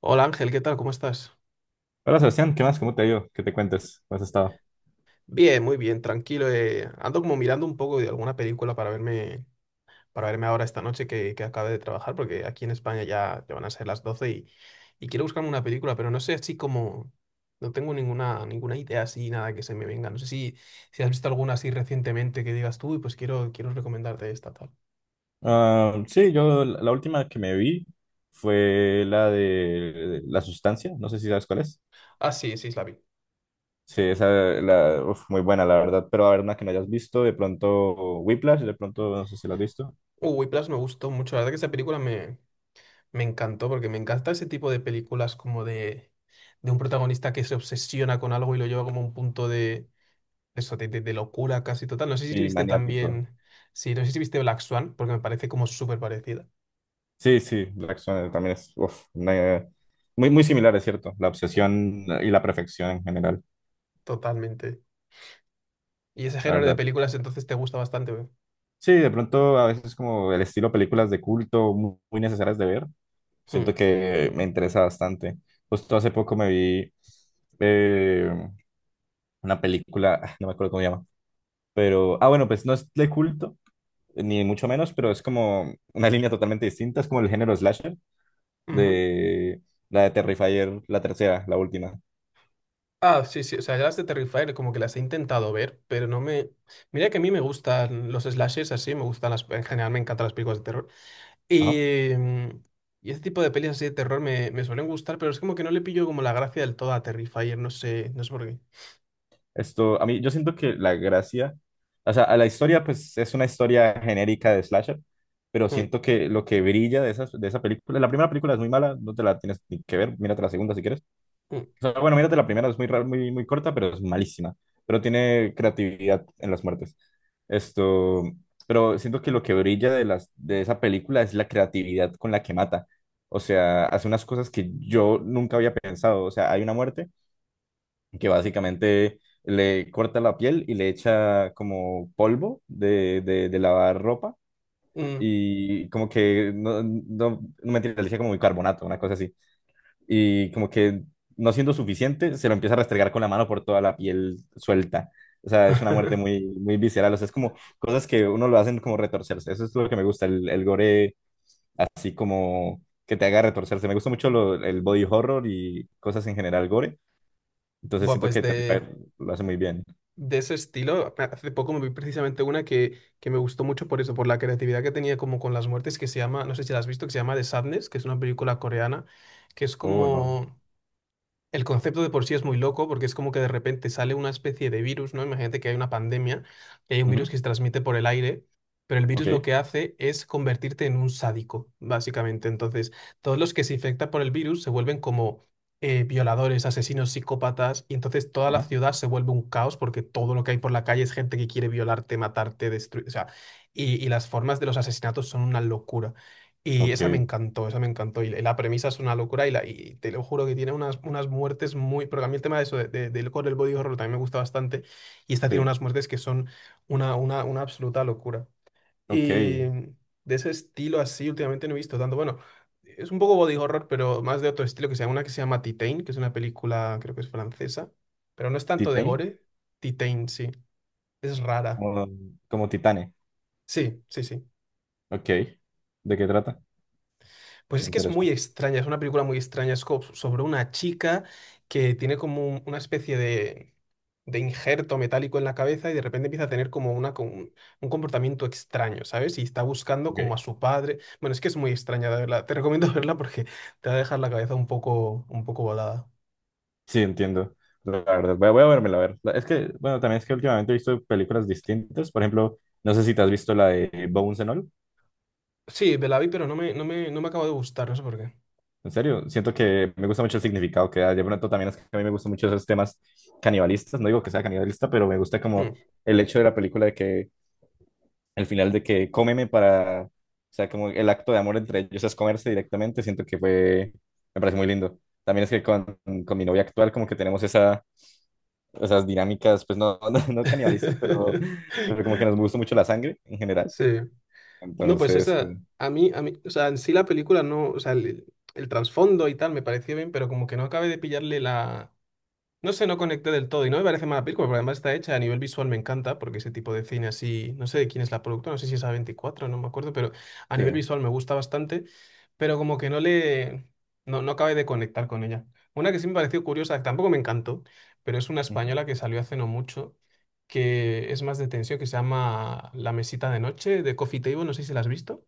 Hola Ángel, ¿qué tal? ¿Cómo estás? Hola Sebastián, ¿qué más? ¿Cómo te ha ido? ¿Qué te cuentes? ¿Cómo has estado? Bien, muy bien, tranquilo. Ando como mirando un poco de alguna película para verme ahora esta noche que acabe de trabajar, porque aquí en España ya van a ser las 12 y quiero buscarme una película, pero no sé así como. No tengo ninguna idea así, nada que se me venga. No sé si has visto alguna así recientemente que digas tú, y pues quiero recomendarte esta tal. Ah, sí, yo la última que me vi fue la de La Sustancia, no sé si sabes cuál es. Ah, sí, sí, la vi. Sí, esa, muy buena la verdad, pero a ver una que no hayas visto, de pronto Whiplash, de pronto no sé si la has visto, Uy, Plus me gustó mucho. La verdad que esa película me encantó, porque me encanta ese tipo de películas como de un protagonista que se obsesiona con algo y lo lleva como a un punto de eso, de locura casi total. No sé si y viste Maniático. también. Sí, no sé si viste Black Swan, porque me parece como súper parecida, Sí, sí, Black Swan también es muy, muy similar, es cierto, la obsesión y la perfección en general, totalmente. Y ese la género de verdad. películas entonces te gusta bastante, ¿ve? Sí, de pronto a veces como el estilo películas de culto muy, necesarias de ver, siento Hmm. que me interesa bastante. Justo hace poco me vi eh, una película, ah, no me acuerdo cómo se llama, pero, ah, bueno, pues no es de culto, ni mucho menos, pero es como una línea totalmente distinta, es como el género slasher Ujú. de la de Terrifier, la tercera, la última. Ah, sí, sí, o sea, ya las de Terrifier como que las he intentado ver, pero no me... Mira que a mí me gustan los slashers así, me gustan las... En general me encantan las películas de terror. Ajá. Y, mm, y ese tipo de pelis así de terror me suelen gustar, pero es como que no le pillo como la gracia del todo a Terrifier, no sé, no sé por qué. Esto, a mí, yo siento que la gracia, o sea, a la historia, pues es una historia genérica de slasher, pero Mm, siento que lo que brilla de esa película, la primera película es muy mala, no te la tienes ni que ver, mírate la segunda si quieres. mm, O sea, bueno, mírate la primera, es muy, muy, muy corta, pero es malísima, pero tiene creatividad en las muertes. Esto, pero siento que lo que brilla de esa película es la creatividad con la que mata. O sea, hace unas cosas que yo nunca había pensado. O sea, hay una muerte que básicamente le corta la piel y le echa como polvo de lavar ropa mm. y como que, no, no, no mentira, le echa como bicarbonato, una cosa así. Y como que no siendo suficiente, se lo empieza a restregar con la mano por toda la piel suelta. O sea, es una muerte muy, muy visceral. O sea, es como cosas que uno lo hacen como retorcerse. Eso es lo que me gusta, el gore así como que te haga retorcerse. Me gusta mucho el body horror y cosas en general gore. Entonces Buah, siento pues que de, Terrifier lo hace muy bien. de ese estilo, hace poco me vi precisamente una que me gustó mucho por eso, por la creatividad que tenía como con las muertes, que se llama, no sé si la has visto, que se llama The Sadness, que es una película coreana, que es Oh, no. como... El concepto de por sí es muy loco porque es como que de repente sale una especie de virus, ¿no? Imagínate que hay una pandemia y hay un virus Ujú. que se transmite por el aire, pero el virus lo que Ok. hace es convertirte en un sádico, básicamente. Entonces, todos los que se infectan por el virus se vuelven como violadores, asesinos, psicópatas, y entonces toda la Ajá. ciudad se vuelve un caos porque todo lo que hay por la calle es gente que quiere violarte, matarte, destruir, o sea, y las formas de los asesinatos son una locura. Y esa me Ok. encantó, esa me encantó. Y la premisa es una locura y, la, y te lo juro que tiene unas muertes muy... Porque a mí el tema de eso, del core, el body horror, también me gusta bastante. Y esta tiene Sí. unas muertes que son una absoluta locura. Ok. Y de ese estilo así últimamente no he visto tanto. Bueno, es un poco body horror, pero más de otro estilo que se llama una que se llama Titain, que es una película, creo que es francesa. Pero no es tanto de Titane. gore. Titain, sí. Es rara. Como, como Titane. Sí, sí, sí. Ok. ¿De qué trata? Pues Me es que es muy interesa. extraña, es una película muy extraña, sobre una chica que tiene como una especie de injerto metálico en la cabeza y de repente empieza a tener como un comportamiento extraño, ¿sabes? Y está buscando Ok. como a su padre. Bueno, es que es muy extraña, de verdad. Te recomiendo verla porque te va a dejar la cabeza un poco volada. Sí, entiendo. La verdad, voy a vérmela, a ver. Es que, bueno, también es que últimamente he visto películas distintas. Por ejemplo, no sé si te has visto la de Bones and All. Sí, me la vi, pero no me acaba de gustar, no sé por qué. En serio, siento que me gusta mucho el significado que da. De pronto también es que a mí me gustan mucho esos temas canibalistas. No digo que sea canibalista, pero me gusta Hmm. como el hecho de la película de que el final de que cómeme para, o sea, como el acto de amor entre ellos es comerse directamente, siento que fue, me parece muy lindo. También es que con mi novia actual como que tenemos esas dinámicas, pues no, no, no canibalistas, pero, como que nos gusta mucho la sangre en general. Sí. No, pues Entonces, como, esa, a mí, o sea, en sí la película no, o sea, el trasfondo y tal me pareció bien, pero como que no acabé de pillarle la, no sé, no conecté del todo y no me parece mala película, porque además está hecha a nivel visual, me encanta, porque ese tipo de cine así, no sé de quién es la productora, no sé si es a veinticuatro no me acuerdo, pero a sí. nivel visual me gusta bastante, pero como que no le, no acabé de conectar con ella. Una que sí me pareció curiosa, que tampoco me encantó, pero es una Ujú. española que salió hace no mucho, que es más de tensión, que se llama La Mesita de Noche, de Coffee Table, no sé si la has visto.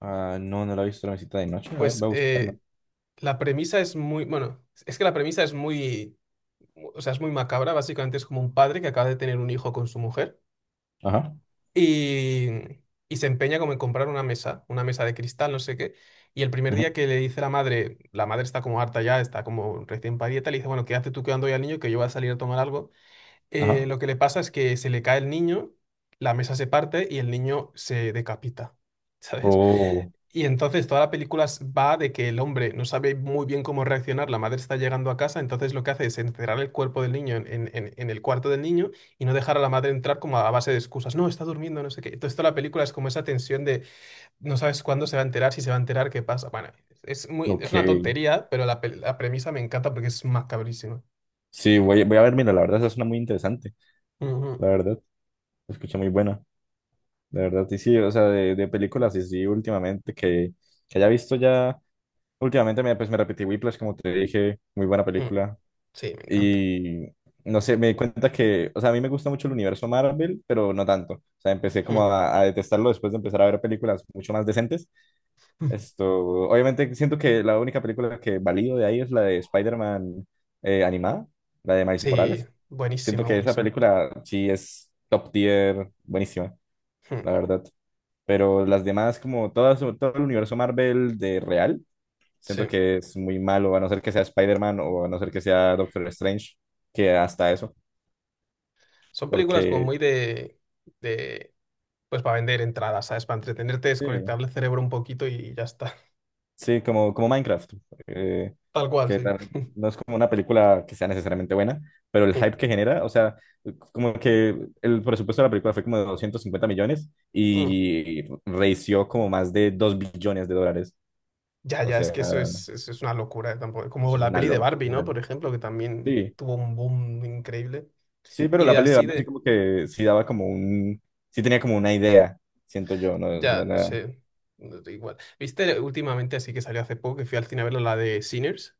Ah, no, no la he visto la visita de noche. A ver, Pues voy a buscarla. La premisa es muy, bueno, es que la premisa es muy, o sea, es muy macabra, básicamente es como un padre que acaba de tener un hijo con su mujer Ajá. y, y se empeña como en comprar una mesa de cristal, no sé qué. Y el primer Ujú. día que le dice la madre está como harta ya, está como recién parida le dice, bueno, quédate tú quedando hoy al niño que yo voy a salir a tomar algo. Ajá. Lo que le pasa es que se le cae el niño, la mesa se parte y el niño se decapita, ¿sabes? Oh, Y entonces toda la película va de que el hombre no sabe muy bien cómo reaccionar, la madre está llegando a casa, entonces lo que hace es encerrar el cuerpo del niño en el cuarto del niño y no dejar a la madre entrar como a base de excusas, no, está durmiendo, no sé qué. Entonces toda la película es como esa tensión de no sabes cuándo se va a enterar, si se va a enterar, qué pasa. Bueno, es muy, es una ok. tontería, pero la premisa me encanta porque es macabrísima. Sí, voy a ver, mira, la verdad, esa es una muy interesante. Ujú, La verdad, se escucha muy buena. De verdad, y sí, o sea, de películas y sí, últimamente, que haya visto ya, últimamente pues me repetí Whiplash, como te dije, muy buena ujú. película, Sí, me encanta. y no sé, me di cuenta que, o sea, a mí me gusta mucho el universo Marvel, pero no tanto, o sea, empecé como Ujú. a detestarlo después de empezar a ver películas mucho más decentes, esto, obviamente siento que la única película que valido de ahí es la de Spider-Man animada, la de Miles Sí, Morales, siento buenísima, que esa buenísima. película sí es top tier, buenísima, la Ujú. verdad. Pero las demás, como todo el universo Marvel de real, siento Sí, que es muy malo, a no ser que sea Spider-Man o a no ser que sea Doctor Strange, que hasta eso, son películas como porque muy de... de... Pues para vender entradas, ¿sabes? Para entretenerte, sí, desconectar el cerebro un poquito y ya está. sí, como Minecraft, eh, Tal cual, que sí. la- no es como una película que sea necesariamente buena, pero el Mm, hype que genera, o sea, como que el presupuesto de la película fue como de 250 millones mm. y reició como más de 2 billones de dólares, Ya, o ya, es sea, que eso es una locura, tampoco. Como eso es la una peli de Barbie, ¿no? locura. Por ejemplo, que también Sí. tuvo un boom increíble. Sí, pero Y la de peli de así Barbie sí de. como que sí daba como sí tenía como una idea, siento yo, no, Ya, no no era... sé. No da igual. ¿Viste últimamente, así que salió hace poco, que fui al cine a verlo, la de Sinners?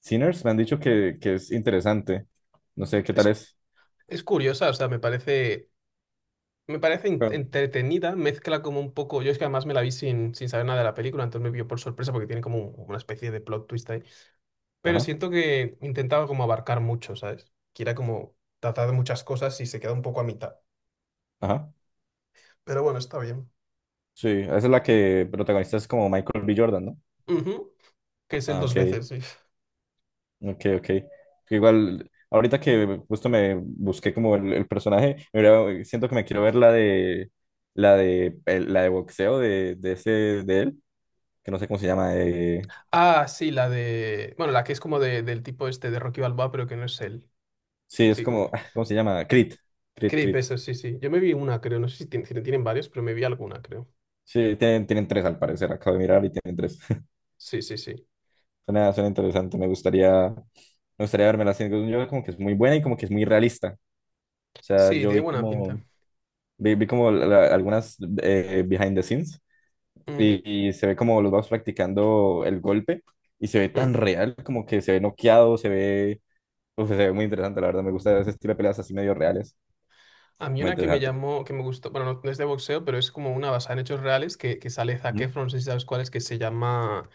Sinners me han dicho que es interesante, no sé qué Es, tal es, es curiosa, o sea, me parece. Me parece pero... entretenida, mezcla como un poco. Yo es que además me la vi sin saber nada de la película, entonces me vio por sorpresa porque tiene como una especie de plot twist ahí. Pero Ajá, siento que intentaba como abarcar mucho, ¿sabes? Que era como tratar de muchas cosas y se queda un poco a mitad. ajá, Pero bueno, está bien. sí, esa es la que protagonista es como Michael B. Jordan, ¿no? Ujú. Que es el Ah, dos ok, veces, sí. ok, ok. Igual, ahorita que justo me busqué como el personaje, siento que me quiero ver la de boxeo de ese, de él, que no sé cómo se llama, Ah, sí, la de... Bueno, la que es como del tipo este de Rocky Balboa, pero que no es él. sí, es Sí, como... como, ah, ¿cómo se llama? Creed. Creed, Creep, Creed. eso, sí, sí. Yo me vi una, creo. No sé si si no tienen varios, pero me vi alguna, creo. Sí, tienen tres al parecer, acabo de mirar y tienen tres. Sí, sí, sí. Suena interesante, me gustaría verme la serie. Yo como que es muy buena y como que es muy realista. O sea, Sí, yo tiene vi buena como, pinta. vi, vi como la- la- algunas behind the scenes Ujú, y se ve como los vamos practicando el golpe y se ve mm. tan real, como que se ve noqueado, se ve muy interesante, la verdad, me gusta ese estilo de peleas así medio reales, A mí muy una que me interesante. llamó, que me gustó, bueno, no, no es de boxeo, pero es como una basada en hechos reales que sale Zac Ujú. Efron, no sé si sabes cuál es, que se llama...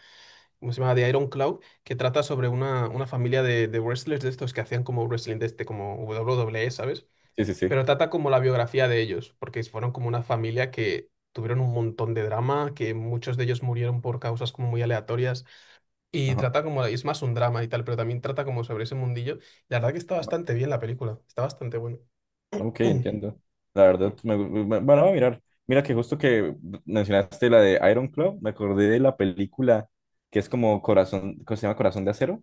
¿Cómo se llama? De Iron Cloud, que trata sobre una familia de wrestlers de estos que hacían como wrestling de este, como W W WWE, ¿sabes? Sí, sí, sí. Pero trata como la biografía de ellos, porque fueron como una familia que tuvieron un montón de drama, que muchos de ellos murieron por causas como muy aleatorias, y Ajá. trata como, es más un drama y tal, pero también trata como sobre ese mundillo. La verdad que está bastante bien la película, está bastante bueno. Ok, entiendo. La verdad, bueno, voy a mirar. Mira que justo que mencionaste la de Iron Claw, me acordé de la película que es como Corazón, ¿cómo se llama Corazón de Acero?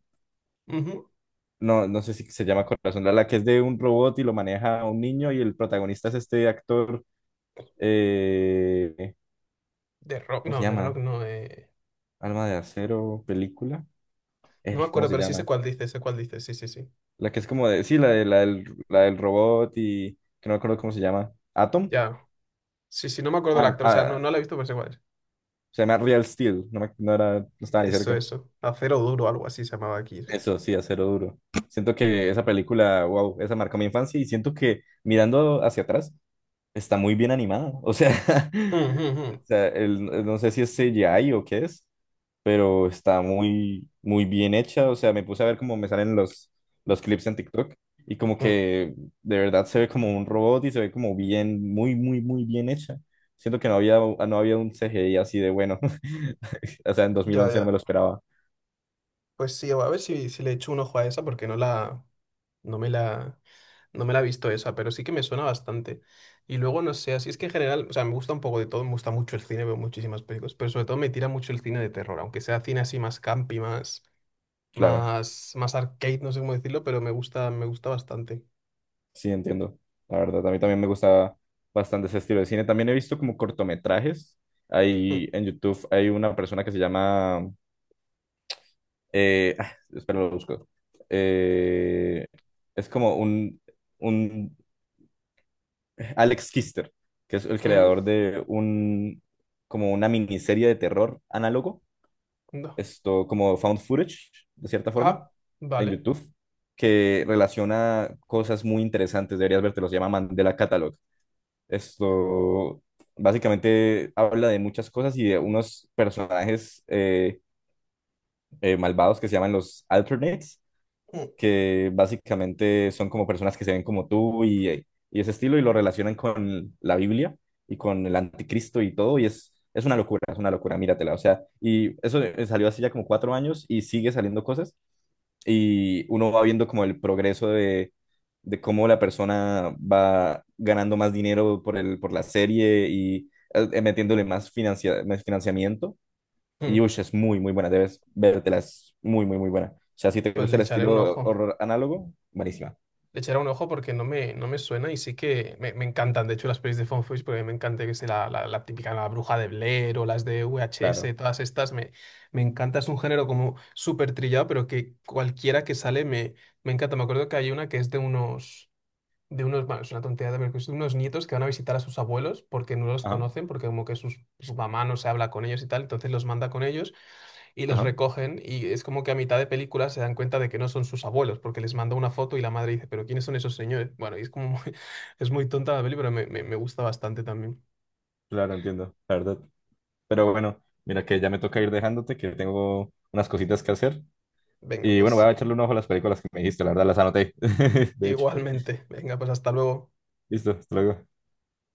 Ujú. No, no sé si se llama Corazón, la que es de un robot y lo maneja un niño y el protagonista es este actor, eh, ¿cómo se De Rock llama? no, Alma de Acero, película, no me ¿cómo acuerdo, se pero sí llama? Sé cuál dice, sí, sí, sí. La que es como sí, la del robot y que no me acuerdo cómo se llama, Atom. Ya, sí, sí, no me acuerdo del Ah, actor, o sea, no, ah, no la he visto, pero sé cuál es. se llama Real Steel, no, me, no, era, no estaba ni Eso, cerca. eso. Acero Duro, algo así se llamaba aquí, sí. Eso sí, Acero Duro. Siento que esa película, wow, esa marcó mi infancia y siento que mirando hacia atrás está muy bien animada. O sea, Mm, o mm, sea, no sé si es CGI o qué es, pero está muy, muy bien hecha. O sea, me puse a ver cómo me salen los clips en TikTok y como mm, mm. que de verdad se ve como un robot y se ve como bien, muy, muy, muy bien hecha. Siento que no había un CGI así de bueno. O sea, en dos mil Ya, once no me ya. lo esperaba, Pues sí, a ver si, si le echo un ojo a esa porque no me la, no me la he visto esa, pero sí que me suena bastante. Y luego, no sé, así es que en general, o sea, me gusta un poco de todo, me gusta mucho el cine, veo muchísimas películas, pero sobre todo me tira mucho el cine de terror, aunque sea cine así más campi, más, claro. más, más arcade, no sé cómo decirlo, pero me gusta bastante. Sí, entiendo. La verdad, a mí también me gusta bastante ese estilo de cine. También he visto como cortometrajes. Mm, Hay en YouTube, hay una persona que se llama... ah, espera, lo busco. Eh, es como un Alex Kister, que es el mm, creador de como una miniserie de terror análogo. no. Esto como found footage, de cierta forma, Ah, en vale. YouTube, que relaciona cosas muy interesantes. Deberías verte, los llama Mandela Catalog. Esto básicamente habla de muchas cosas y de unos personajes malvados que se llaman los Alternates, Mm, que básicamente son como personas que se ven como tú y ese estilo y lo relacionan con la Biblia y con el anticristo y todo. Y es una locura, es una locura, míratela. O sea, y eso salió hace ya como 4 años y sigue saliendo cosas y uno va viendo como el progreso de cómo la persona va ganando más dinero por la serie y metiéndole más financiamiento. Y mm. uy, es muy, muy buena, debes vértela, es muy, muy, muy buena. O sea, si te Pues gusta le el echaré un estilo ojo. horror análogo, buenísima. Le echaré un ojo porque no me suena y sí que me encantan, de hecho, las pelis de Found Footage porque me encanta que sea la típica La Bruja de Blair o las de VHS, Claro, todas estas, me encanta, es un género como súper trillado, pero que cualquiera que sale me encanta. Me acuerdo que hay una que es de unos, bueno, es una tontería de ver, que es de unos nietos que van a visitar a sus abuelos porque no los ajá, conocen, porque como que sus, su mamá no se habla con ellos y tal, entonces los manda con ellos y los ajá, recogen y es como que a mitad de película se dan cuenta de que no son sus abuelos porque les manda una foto y la madre dice, pero ¿quiénes son esos señores? Bueno, y es como muy- es muy tonta la peli, pero me gusta bastante también. claro, entiendo, la verdad. Pero bueno, mira que ya me toca ir dejándote, que tengo unas cositas que hacer. Venga, Y bueno, voy pues a echarle un ojo a las películas que me dijiste, la verdad las anoté. De hecho, igualmente. Venga, pues hasta luego. listo, hasta luego.